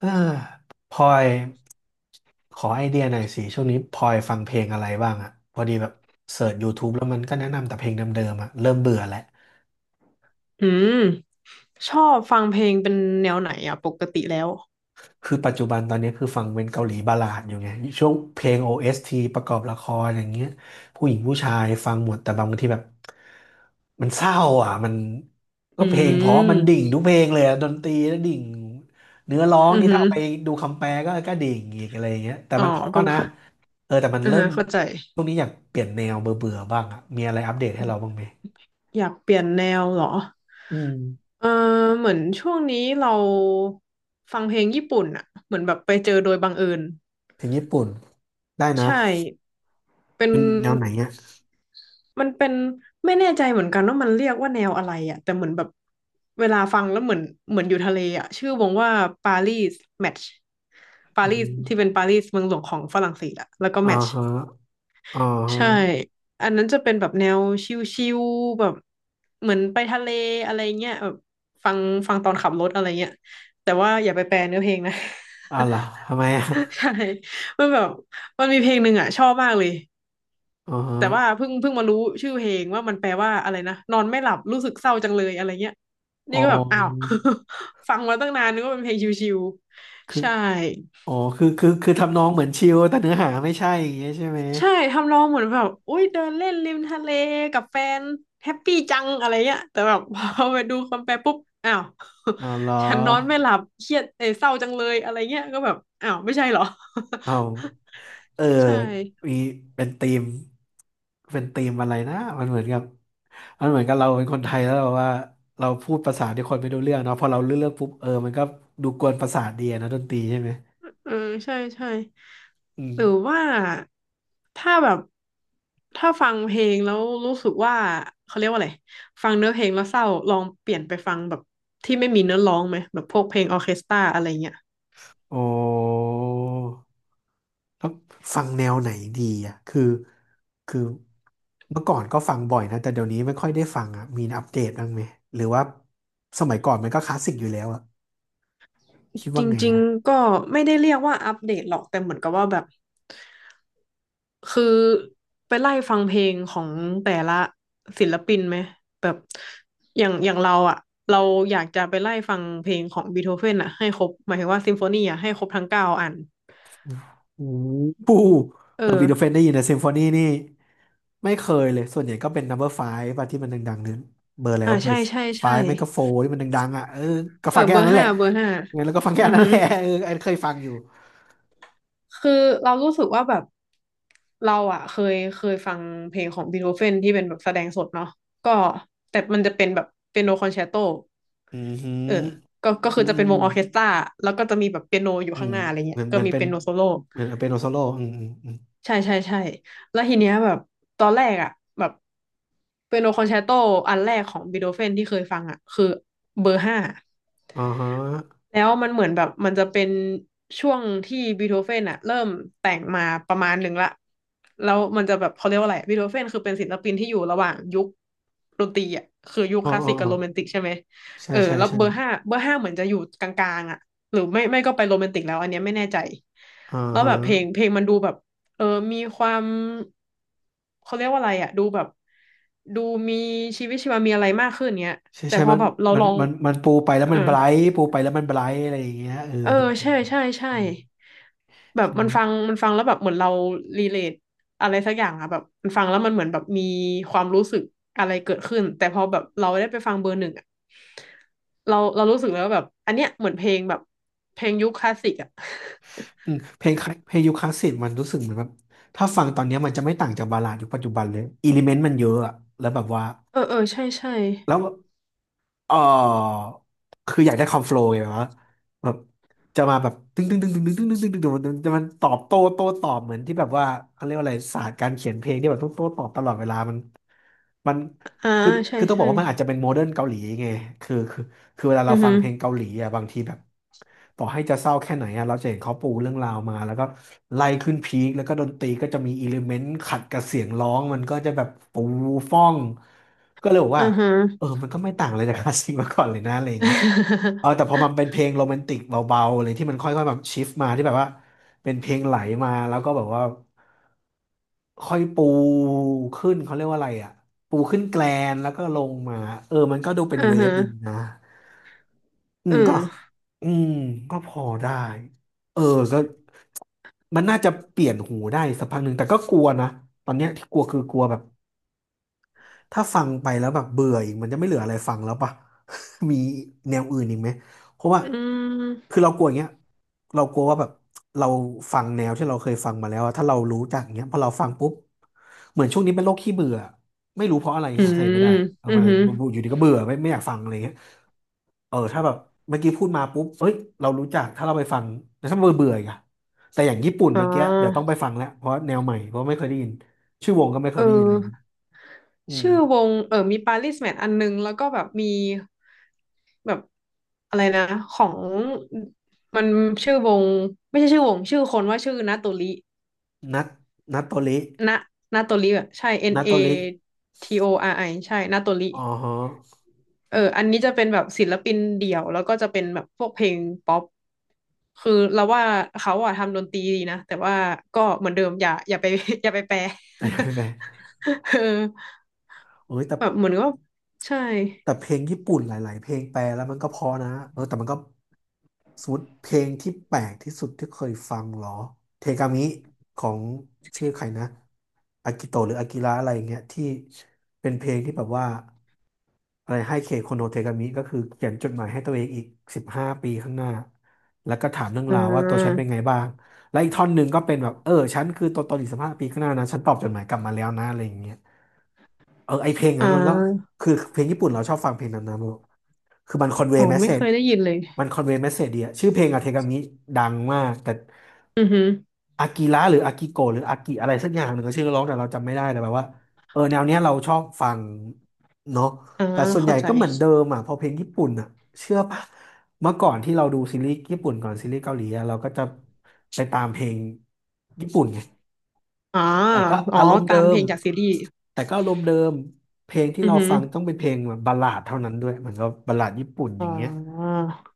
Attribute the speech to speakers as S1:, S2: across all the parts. S1: เออพลอยขอไอเดียหน่อยสิช่วงนี้พลอยฟังเพลงอะไรบ้างอะพอดีแบบเสิร์ช YouTube แล้วมันก็แนะนำแต่เพลงเดิมๆอะเริ่มเบื่อแล้ว
S2: อืมชอบฟังเพลงเป็นแนวไหนอ่ะปกติแล้ว
S1: คือปัจจุบันตอนนี้คือฟังเป็นเกาหลีบัลลาดอยู่ไงช่วงเพลง OST ประกอบละครอย่างเงี้ยผู้หญิงผู้ชายฟังหมดแต่บางทีแบบมันเศร้าอ่ะมันก็
S2: อื
S1: เพลงเพราะมันดิ่ง
S2: ม
S1: ทุกเพลงเลยอะดนตรีแล้วดิ่งเนื้อร้อง
S2: อือ
S1: นี่
S2: หื
S1: ถ้า
S2: อ
S1: เอาไปดูคำแปลก็ดิ่งอีกอะไรอย่างเงี้ยแต่
S2: อ๋อ
S1: มันเพราะ
S2: ก็
S1: นะเออแต่มัน
S2: อือ
S1: เริ่ม
S2: ฮะเข้าใจ
S1: ช่วงนี้อยากเปลี่ยนแนวเบื่อเบื่อบ้างอ่ะมีอะไรอัปเดตให้เราบ้างไหม
S2: อยากเปลี่ยนแนวเหรอ
S1: อืม
S2: เออเหมือนช่วงนี้เราฟังเพลงญี่ปุ่นอ่ะเหมือนแบบไปเจอโดยบังเอิญ
S1: เพลงญี่ปุ่นได้นะ
S2: ใช่เป็น
S1: เป็นแนวไหนเนี่ย
S2: มันเป็นไม่แน่ใจเหมือนกันว่ามันเรียกว่าแนวอะไรอ่ะแต่เหมือนแบบเวลาฟังแล้วเหมือนอยู่ทะเลอ่ะชื่อวงว่าปารีสแมทช์ปา
S1: อื
S2: รีส
S1: ม
S2: ที่เป็นปารีสเมืองหลวงของฝรั่งเศสอ่ะแล้วก็
S1: อ่า
S2: แมทช์
S1: ฮะอ่าฮะ
S2: ใช่ อันนั้นจะเป็นแบบแนวชิลๆแบบเหมือนไปทะเลอะไรเงี้ยแบบฟังฟังตอนขับรถอะไรเงี้ยแต่ว่าอย่าไปแปลเนื้อเพลงนะ
S1: อ้าวเหรอทำไมอ่ะ
S2: ใช่มันแบบมันมีเพลงหนึ่งอ่ะชอบมากเลย
S1: อ๋อ
S2: แต่ว่าเพิ่งมารู้ชื่อเพลงว่ามันแปลว่าอะไรนะนอนไม่หลับรู้สึกเศร้าจังเลยอะไรเงี้ย
S1: อ๋อ
S2: นี่ก็แบบอ้าว ฟังมาตั้งนานนึกว่าเป็นเพลงชิว
S1: คื
S2: ๆ
S1: อ
S2: ใช่
S1: อ๋อคือทำนองเหมือนชิลแต่เนื้อหาไม่ใช่อย่างเงี้ยใช่ไหม
S2: ใช่ทำนองเหมือนแบบอุ้ยเดินเล่นริมทะเลกับแฟนแฮปปี้จังอะไรเงี้ยแต่แบบ พอไปดูคำแปลปุ๊บอ้าว
S1: อ้าวเหรอ
S2: ฉันนอนไม่หลับเครียดเอยเศร้าจังเลยอะไรเงี้ยก็แบบอ้าวไม่ใช่เหรอ
S1: อ้าวเออ
S2: ใช่
S1: มีเป็นธีมเป็นธีมอะไรนะมันเหมือนกับมันเหมือนกับเราเป็นคนไทยแล้วเราว่าเราพูดภาษาที่คนไม่รู้เรื่องเนาะพอเราเลือกปุ๊บเออมันก็ดูกวนประสาทดีอะนะดนตรีใช่ไหม
S2: เออใช่ใช่
S1: อืม
S2: หรือว่าถ้าแบบถ้าฟังเพลงแล้วรู้สึกว่าเขาเรียกว่าอะไรฟังเนื้อเพลงแล้วเศร้าลองเปลี่ยนไปฟังแบบที่ไม่มีเนื้อร้องไหมแบบพวกเพลงออร์เคสตราอะไรเงี้ย
S1: โอ้ แล้วฟังแนวไหนดีอ่ะคือเมื่อก่อนก็ฟังบ่อยนะแต่เดี๋ยวนี้ไม่ค่อยได้ฟังอ่ะมีอัปเดตบ้างไหมหรือว่าสมัยก่อนมันก็คลาสสิกอยู่แล้วอ่ะคิด
S2: จ
S1: ว่าไง
S2: ริง
S1: อ่ะ
S2: ๆ ก็ไม่ได้เรียกว่าอัปเดตหรอกแต่เหมือนกับว่าแบบคือไปไล่ฟังเพลงของแต่ละศิลปินไหมแบบอย่างอย่างเราอ่ะเราอยากจะไปไล่ฟังเพลงของบีโธเฟนอ่ะให้ครบหมายถึงว่าซิมโฟนีอ่ะให้ครบทั้งเก้าอัน
S1: โอ้โห
S2: เอ
S1: เออ
S2: อ
S1: บีโธเฟนได้ยินนะซิมโฟนีนี่ไม่เคยเลยส่วนใหญ่ก็เป็น number five ป่ะที่มันดังๆนึงเบอ
S2: ใช่
S1: ร์ f
S2: ใช่
S1: ฟ
S2: ใช่
S1: v e ไม่ก็โฟร์ที่มันดังๆอ่ะเออก็
S2: เออ
S1: ฟังแค่
S2: เบอ
S1: อัน
S2: ร์
S1: นั้นแห
S2: ห้า
S1: ละ
S2: เบอร์ห้า
S1: งั้นแล้วก็ฟังแค่
S2: อือ
S1: อันนั้
S2: หื
S1: น
S2: อ
S1: แหละ เอออันเคยฟังอยู่
S2: คือเรารู้สึกว่าแบบเราอ่ะเคยฟังเพลงของบีโธเฟนที่เป็นแบบแสดงสดเนาะก็แต่มันจะเป็นแบบเปียโนคอนแชร์โต
S1: อืมอหื
S2: เอ
S1: อ
S2: อก็คื
S1: อื
S2: อ
S1: ม
S2: จะ
S1: อื
S2: เป็น
S1: ม
S2: ว
S1: อื
S2: งอ
S1: ม
S2: อร์เคสตราแล้วก็จะมีแบบเปียโนอยู่
S1: อื
S2: ข้าง
S1: ม
S2: หน้าอะไร
S1: เห
S2: เงี้
S1: มื
S2: ย
S1: อนเห
S2: ก็
S1: มือน
S2: มี
S1: เป็น
S2: เปียโนโซโล่
S1: เหมือนเป็นโอโซโล่อืม
S2: ใช่ใช่ใช่แล้วทีเนี้ยแบบตอนแรกอ่ะแบบเปียโนคอนแชร์โตอันแรกของบีโธเฟนที่เคยฟังอ่ะคือเบอร์ห้า
S1: อ่าฮะ
S2: แล้วมันเหมือนแบบมันจะเป็นช่วงที่บีโธเฟนอะเริ่มแต่งมาประมาณหนึ่งละแล้วมันจะแบบเขาเรียกว่าอะไรบีโธเฟนคือเป็นศิลปินที่อยู่ระหว่างยุคดนตรีอะคือยุค
S1: อ๋อ
S2: คลาส
S1: อ๋อ
S2: สิกกับ
S1: อ๋อ
S2: โรแมนติกใช่ไหม
S1: ใช่
S2: เออ
S1: ใช่
S2: แล้ว
S1: ใช่
S2: เบอร์ห้าเบอร์ห้าเหมือนจะอยู่กลางๆอะหรือไม่ก็ไปโรแมนติกแล้วอันเนี้ยไม่แน่ใจ
S1: อ่า
S2: แล้ว
S1: ฮะ
S2: แบบเพลงมันดูแบบ เออ มีความเขาเรียกว่าอะไรอะดูแบบดูมีชีวิตชีวามีอะไรมากขึ้นเนี้ย
S1: ใช่
S2: แต่
S1: ใช่
S2: พอ
S1: มัน
S2: แบบเรา
S1: มั
S2: ล
S1: น
S2: อง
S1: มันมันปูไปแล้ว
S2: เอ
S1: มั
S2: อ
S1: นไบรท์ปูไปแล้วมันไบรท์อะไรอย่างเงี้ยเออ
S2: เออใช่ใช่ใช่
S1: อืม
S2: แบบ
S1: ใช่
S2: มั
S1: ไหม
S2: นฟังมันฟังแล้วแบบเหมือนเรารีเลทอะไรสักอย่างอะแบบมันฟังแล้วมันเหมือนแบบมีความรู้สึกอะไรเกิดขึ้นแต่พอแบบเราได้ไปฟังเบอร์หนึ่งอะเรารู้สึกแล้วาแบบอันเนี้ยเหมือนเพลงแบบเพลงยุคคลาสสิกอะ
S1: อืมเพลงยุคคลาสสิกมันรู้สึกเหมือนแบบ ถ้าฟังตอนเนี้ยมันจะไม่ต่างจากบัลลาดยุคปัจจุบันเลยอิเลเมนต์มันเยอะอะ แล้วแบบว่า
S2: เออเออใช่ใช่
S1: แล้ว เออคืออยากได้คอมโฟลว์ไงวะแบบจะมาแบบตึ้งตึ้งตึ้งตึ้งตึ้งตึ้งตึ้งตึ้งตึ้งึงจะมันตอบโต้โต้ตอบเหมือนที่แบบว่าเขาเรียกว่าอะไรศาสตร์การเขียนเพลงที่แบบต้องโต้ตอบตลอดเวลามัน
S2: อ่า
S1: คือ
S2: ใช่
S1: คือต้องบอ
S2: ใช่
S1: กว่ามันอาจจะเป็นโมเดิร์นเกาหลีไงคือคือคือเวลา
S2: อื
S1: เรา
S2: อ
S1: ฟั
S2: ฮึ
S1: งเพลงเกาหลีอ่ะบางทีแบบต่อให้จะเศร้าแค่ไหนอ่ะเราจะเห็นเขาปูเรื่องราวมาแล้วก็ไล่ขึ้นพีคแล้วก็ดนตรีก็จะมีอิเลเมนต์ขัดกับเสียงร้องมันก็จะแบบปูฟ่องก็เลยบอก
S2: อื
S1: ว่า
S2: อฮะ
S1: เออมันก็ไม่ต่างอะไรจาก คลาสสิกมาก่อนเลยนะอะไรอย่างเงี้ยเออแต่พอ มันเป็นเพลงโรแมนติกเบาๆเลยที่มันค่อยๆแบบชิฟมาที่แบบว่าเป็นเพลงไหลมาแล้วก็แบบว่าค่อยปูขึ้นเขาเรียกว่าอะไรอ่ะปูขึ้นแกลนแล้วก็ลงมาเออมันก็ดูเป็น
S2: อือ
S1: เว
S2: ฮะ
S1: ฟดีนะอื
S2: อื
S1: มก็
S2: ม
S1: อืมก็พอได้เออก็มันน่าจะเปลี่ยนหูได้สักพักหนึ่งแต่ก็กลัวนะตอนเนี้ยที่กลัวคือกลัวแบบ ถ้าฟังไปแล้วแบบเบื่ออีกมันจะไม่เหลืออะไรฟังแล้วป่ะ มีแนวอื่นอีกไหมเพราะว่า
S2: อื
S1: คื
S2: ม
S1: อเรากลัวอย่างเงี้ยเรากลัวว่าแบบเราฟังแนวที่เราเคยฟังมาแล้วอะถ้าเรารู้จักอย่างเงี้ยพอเราฟังปุ๊บเหมือนช่วงนี้เป็นโรคขี้เบื่อไม่รู้เพราะอะไร
S2: อื
S1: หาสาเห
S2: ม
S1: ตุไม่ได้เออ
S2: อื
S1: มั
S2: อ
S1: น
S2: ฮึ
S1: อยู่ดีก็เบื่อไม่อยากฟังอะไรเงี้ยเออถ้าแบบเมื่อกี้พูดมาปุ๊บเอ้ยเรารู้จักถ้าเราไปฟังแต่ถ้าเบื่อเบื่ออีกอะแต่อย่างญี่ปุ่น
S2: อ๋
S1: เมื่อกี้เดี๋ยวต้อง
S2: อ
S1: ไปฟังแล้วเพราะแนวใหม่เพราะไม่เคยได้ยินชื่อวงก็ไม่เค
S2: เอ
S1: ย
S2: อ
S1: ได้ยินอะไรอย่างเงี้ยอืม
S2: ชื่อวงเออมีปาริสแมทอันนึงแล้วก็แบบมีแบบอะไรนะ ของมันชื่อวงไม่ใช่ชื่อวงชื่อคนว่าชื่อนาโตริ
S1: นัดนัดโตริ
S2: นะนาโตริแบบใช่ N
S1: นัด
S2: A
S1: โตริ
S2: T O R I ใช่ นาโตริ
S1: อ๋อฮะ
S2: เอออันนี้จะเป็นแบบศิลปินเดี่ยวแล้วก็จะเป็นแบบพวกเพลงป๊อปคือเราว่าเขาอะทำดนตรีดีนะแต่ว่าก็เหมือนเดิมอย่าไป อย่าไปแปล
S1: ใช่ไหม
S2: เออ
S1: โอ้ยแต่
S2: แบบเหมือนก็ใช่
S1: แต่เพลงญี่ปุ่นหลายๆเพลงแปลแล้วมันก็เพอนะเออแต่มันก็สมมติเพลงที่แปลกที่สุดที่เคยฟังเหรอเทกามิของชื่อใครนะอากิโตะหรืออากิระอะไรอย่างเงี้ยที่เป็นเพลงที่แบบว่าอะไรให้เคโคโนเทกามิก็คือเขียนจดหมายให้ตัวเองอีกสิบห้าปีข้างหน้าแล้วก็ถามเรื่อง
S2: อ่
S1: ราวว่าตัวฉัน
S2: า
S1: เป็นไงบ้างและอีกท่อนหนึ่งก็เป็นแบบเออฉันคือตัวตนอีกสิบห้าปีข้างหน้านะฉันตอบจดหมายกลับมาแล้วนะอะไรอย่างเงี้ยเออไอเพลง
S2: อ่
S1: นั้นมันก็
S2: า
S1: คือเพลงญี่ปุ่นเราชอบฟังเพลงนั้นนะโมคือมันคอนเว
S2: อ๋อ
S1: ย์แมสเซ
S2: ไม่เค
S1: จ
S2: ยได้ยินเลย
S1: มันคอนเวย์แมสเซจดีอะชื่อเพลงอะเทกามิดังมาก แต่
S2: อือฮึ
S1: อากิระหรืออากิโกะหรืออากิอะไรสักอย่างหนึ่งก็ชื่อร้องแต่เราจำไม่ได้แต่แบบว่าเออแนวเนี้ยเราชอบฟังเนาะ
S2: อ่า
S1: แต่ส่วนให
S2: เข้า
S1: ญ่
S2: ใจ
S1: ก็เหมือนเดิมอะพอเพลงญี่ปุ่นอะเชื่อปะเมื่อก่อนที่เราดูซีรีส์ญี่ปุ่นก่อนซีรีส์เกาหลีอะเราก็จะไปตามเพลงญี่ปุ่นไง
S2: อ่า
S1: แต่ก็
S2: อ๋
S1: อา
S2: อ
S1: รมณ์เดิ
S2: ตามเพ
S1: ม
S2: ลงจากซีรีส์
S1: แต่ก็อารมณ์เดิมเพลงที่
S2: อือ
S1: เรา
S2: ฮึ
S1: ฟังต้องเป็นเพลงแบบบัลลาดเท่านั้นด้วยเหมือนกับบัลลาดญี่ปุ่นอ
S2: อ๋อ
S1: ย่างเงี้ย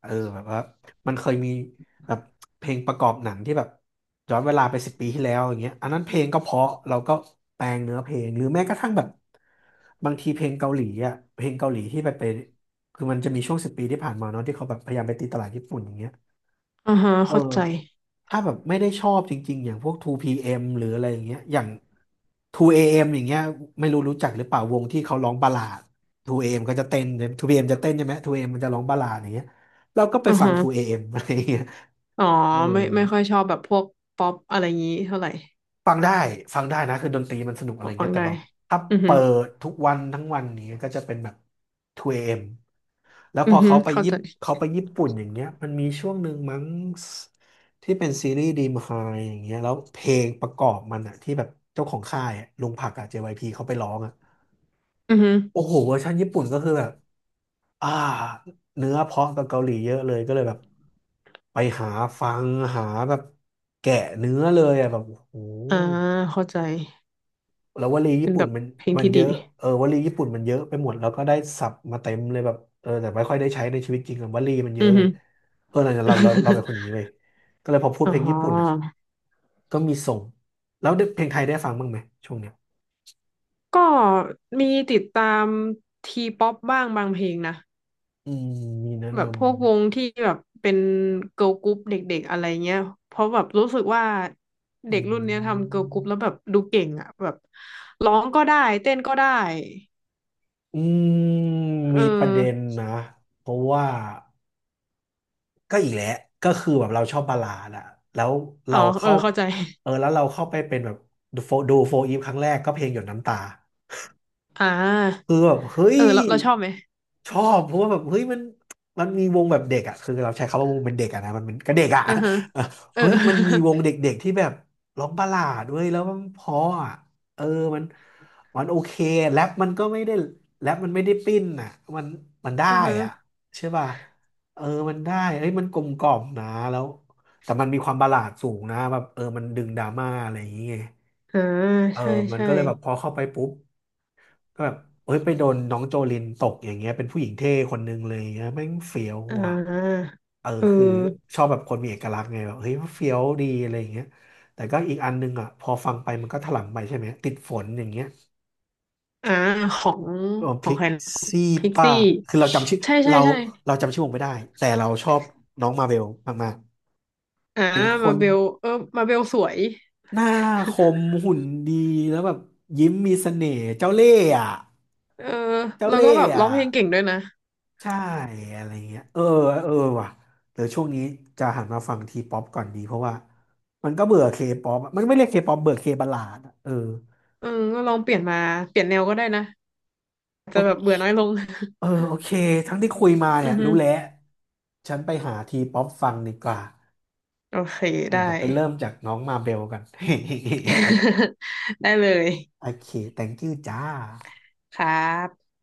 S1: เออแบบว่ามันเคยมีแบบเพลงประกอบหนังที่แบบย้อนเวลาไปสิบปีที่แล้วอย่างเงี้ยอันนั้นเพลงก็เพราะเราก็แปลงเนื้อเพลงหรือแม้กระทั่งแบบบางทีเพลงเกาหลีอ่ะเพลงเกาหลีที่ไปคือมันจะมีช่วงสิบปีที่ผ่านมาเนาะที่เขาแบบพยายามไปตีตลาดญี่ปุ่นอย่างเงี้ย
S2: อ่าฮะ
S1: เออ
S2: เข้าใจ
S1: ถ้าแบบไม่ได้ชอบจริงๆอย่างพวก 2PM หรืออะไรอย่างเงี้ยอย่าง 2AM อเอ็มอย่างเงี้ยไม่รู้รู้จักหรือเปล่าวงที่เขาร้องบัลลาด 2AM ก็จะเต้น 2PM จะเต้นใช่ไหม 2AM มมันจะร้องบัลลาดอย่างเงี้ยเราก็ไป
S2: อ่า
S1: ฟัง
S2: ฮะ
S1: 2AM อเอ็มอะไรอย่างเงี้ย
S2: อ๋อ
S1: เออ
S2: ไม่ค่อยชอบแบบพวกป๊อปอะไรอย่างงี้เท่าไหร่
S1: ฟังได้ฟังได้นะคือดนตรีมันสนุกอะ
S2: อ
S1: ไร
S2: อก
S1: เงี้
S2: ข้า
S1: ย
S2: ง
S1: แต่
S2: ได้
S1: แบบถ้า
S2: อือฮึ
S1: เปิดทุกวันทั้งวันนี้ยก็จะเป็นแบบ2AM แล้ว
S2: อื
S1: พ
S2: อ
S1: อ
S2: ฮึ
S1: เขาไป
S2: เข้า
S1: ยิป
S2: ใจ
S1: เขาไปญี่ปุ่นอย่างเงี้ยมันมีช่วงหนึ่งมั้งที่เป็นซีรีส์ดีมไฮอย่างเงี้ยแล้วเพลงประกอบมันอะที่แบบเจ้าของค่ายอะลุงผักอะ JYP เขาไปร้องอะ
S2: อือฮึ
S1: โอ้โหเวอร์ชันญี่ปุ่นก็คือแบบอ่าเนื้อเพราะกับเกาหลีเยอะเลยก็เลยแบบไปหาฟังหาแบบแกะเนื้อเลยอะแบบโอ้โห
S2: อ่าเข้าใจ
S1: แล้ววลีญี่
S2: เป็น
S1: ปุ่
S2: แบ
S1: น
S2: บ
S1: มัน
S2: เพลง
S1: มัน
S2: ที่
S1: เย
S2: ดี
S1: อะเออวลีญี่ปุ่นมันเยอะไปหมดแล้วก็ได้ศัพท์มาเต็มเลยแบบเออแต่ไม่ค่อยได้ใช้ในชีวิตจริงอะวลีมันเย
S2: อื
S1: อะ
S2: อ
S1: ไง
S2: ฮึ
S1: เออเราเป็นคนอย่างนี้ ไปก็เลยพอพูด
S2: อ๋อ
S1: เพลงญี่ปุ่นอ่ะก็มีส่งแล้วได้เพลงไทยได้ฟังบ้างไหมช่วงเนี้ย
S2: ก็มีติดตามทีป๊อปบ้างบางเพลงนะ
S1: อืมมีแนะ
S2: แบบพวก
S1: นำไหม
S2: วงที่แบบเป็นเกิ l g ลกรุ๊ปเด็กๆอะไรเงี้ยเพราะแบบรู้สึกว่า
S1: อ
S2: เด็กรุ่นเนี้ย
S1: ื
S2: ทำเกิร์ลกรุ๊ปแล้ว
S1: ม
S2: แบบดูเก่งอ่ะแบบร้องก็ได้เต้นก็ได้
S1: อืม
S2: เออ
S1: มีประเด็นนะเพราะว่าก็อีกแหละก็คือแบบเราชอบบัลลาดอะแล้ว
S2: อ๋
S1: เรา
S2: อเออ
S1: เข้า
S2: เข้าใจ
S1: เออแล้วเราเข้าไปเป็นแบบดูโฟดูโฟอีฟครั้งแรกก็เพลงหยดน้ำตา
S2: อ่
S1: คื
S2: า
S1: อแบบเฮ้ย
S2: เออเราชอบไหม
S1: ชอบเพราะว่าแบบเฮ้ยมันมีวงแบบเด็กอ่ะคือเราใช้คำว่าวงเป็นเด็กอ่ะนะมันเป็นก็เด็กอ่ะ
S2: อือฮะ
S1: เออ
S2: เออ
S1: เฮ้ยมันมีวงเด็กๆที่แบบร้องบัลลาดด้วยแล้วมันเพราะอ่ะเออมันโอเคแรปมันก็ไม่ได้แรปมันไม่ได้ปิ้นอ่ะมันได้
S2: อ่า
S1: อ่ะ
S2: ฮะ
S1: ใช่ป่ะเออมันได้เฮ้ยมันกลมกล่อมนะแล้วแต่มันมีความบัลลาดสูงนะแบบเออมันดึงดราม่าอะไรอย่างเงี้ย
S2: อ่า
S1: เออ
S2: ใช่
S1: มัน
S2: ใช่
S1: ก็เลยแบบพอเข้าไปปุ๊บ ก็แบบเอ้ยไปโดนน้องโจลินตกอย่างเงี้ยเป็นผู้หญิงเท่คนนึงเลยอย่างเงี้ยแม่งเฟี้ยว
S2: อ่
S1: ว่ะ
S2: า
S1: เออ
S2: เออ
S1: คือชอบแบบคนมีเอกลักษณ์ไงแบบเฮ้ยเฟี้ยวดีอะไรอย่างเงี้ยแต่ก็อีกอันนึงอ่ะพอฟังไปมันก็ถลำไปใช่ไหมติดฝนอย่างเงี้ย
S2: อ่าของ
S1: เออ
S2: ของ
S1: พิก
S2: ใครนะ
S1: ซี่
S2: พิก
S1: ป้า
S2: ซี่
S1: คือเราจำชื่อ
S2: ใช่ใช่
S1: เรา
S2: ใช่
S1: เราจำชื่อวงไม่ได้แต่เราชอบน้องมาเวลมาก
S2: อ่า
S1: ๆเป็นค
S2: มา
S1: น
S2: เบลเออมาเบลสวย
S1: หน้า คมหุ่นดีแล้วแบบยิ้มมีเสน่ห์เจ้าเล่ห์อ่ะ
S2: เออ
S1: เจ้า
S2: แล้ว
S1: เล่
S2: ก็
S1: ห์
S2: แบบร้
S1: อ่ะ
S2: องเพลงเก่งด้วยนะ
S1: ใช่อะไรเงี้ยเออเออว่ะเดี๋ยวช่วงนี้จะหันมาฟังทีป๊อปก่อนดีเพราะว่ามันก็เบื่อเคป๊อปมันไม่เรียกเคป๊อปเบื่อเคบัลลาดอะเออ
S2: เออก็ลองเปลี่ยนมาเปลี่ยนแนวก็ได้นะจจะ
S1: โอ
S2: แบบเบื่อน้อยลง
S1: โอเคทั้งที่คุยมา
S2: อื
S1: เนี่ย
S2: อฮึ
S1: รู้แล้วฉันไปหาทีป๊อปฟังดีกว่า
S2: โอเค
S1: เออ
S2: ได้
S1: เดี๋ยวไปเริ่มจากน้องมาเบลกัน
S2: ได้เลย
S1: โอเค thank you จ้า
S2: ครับ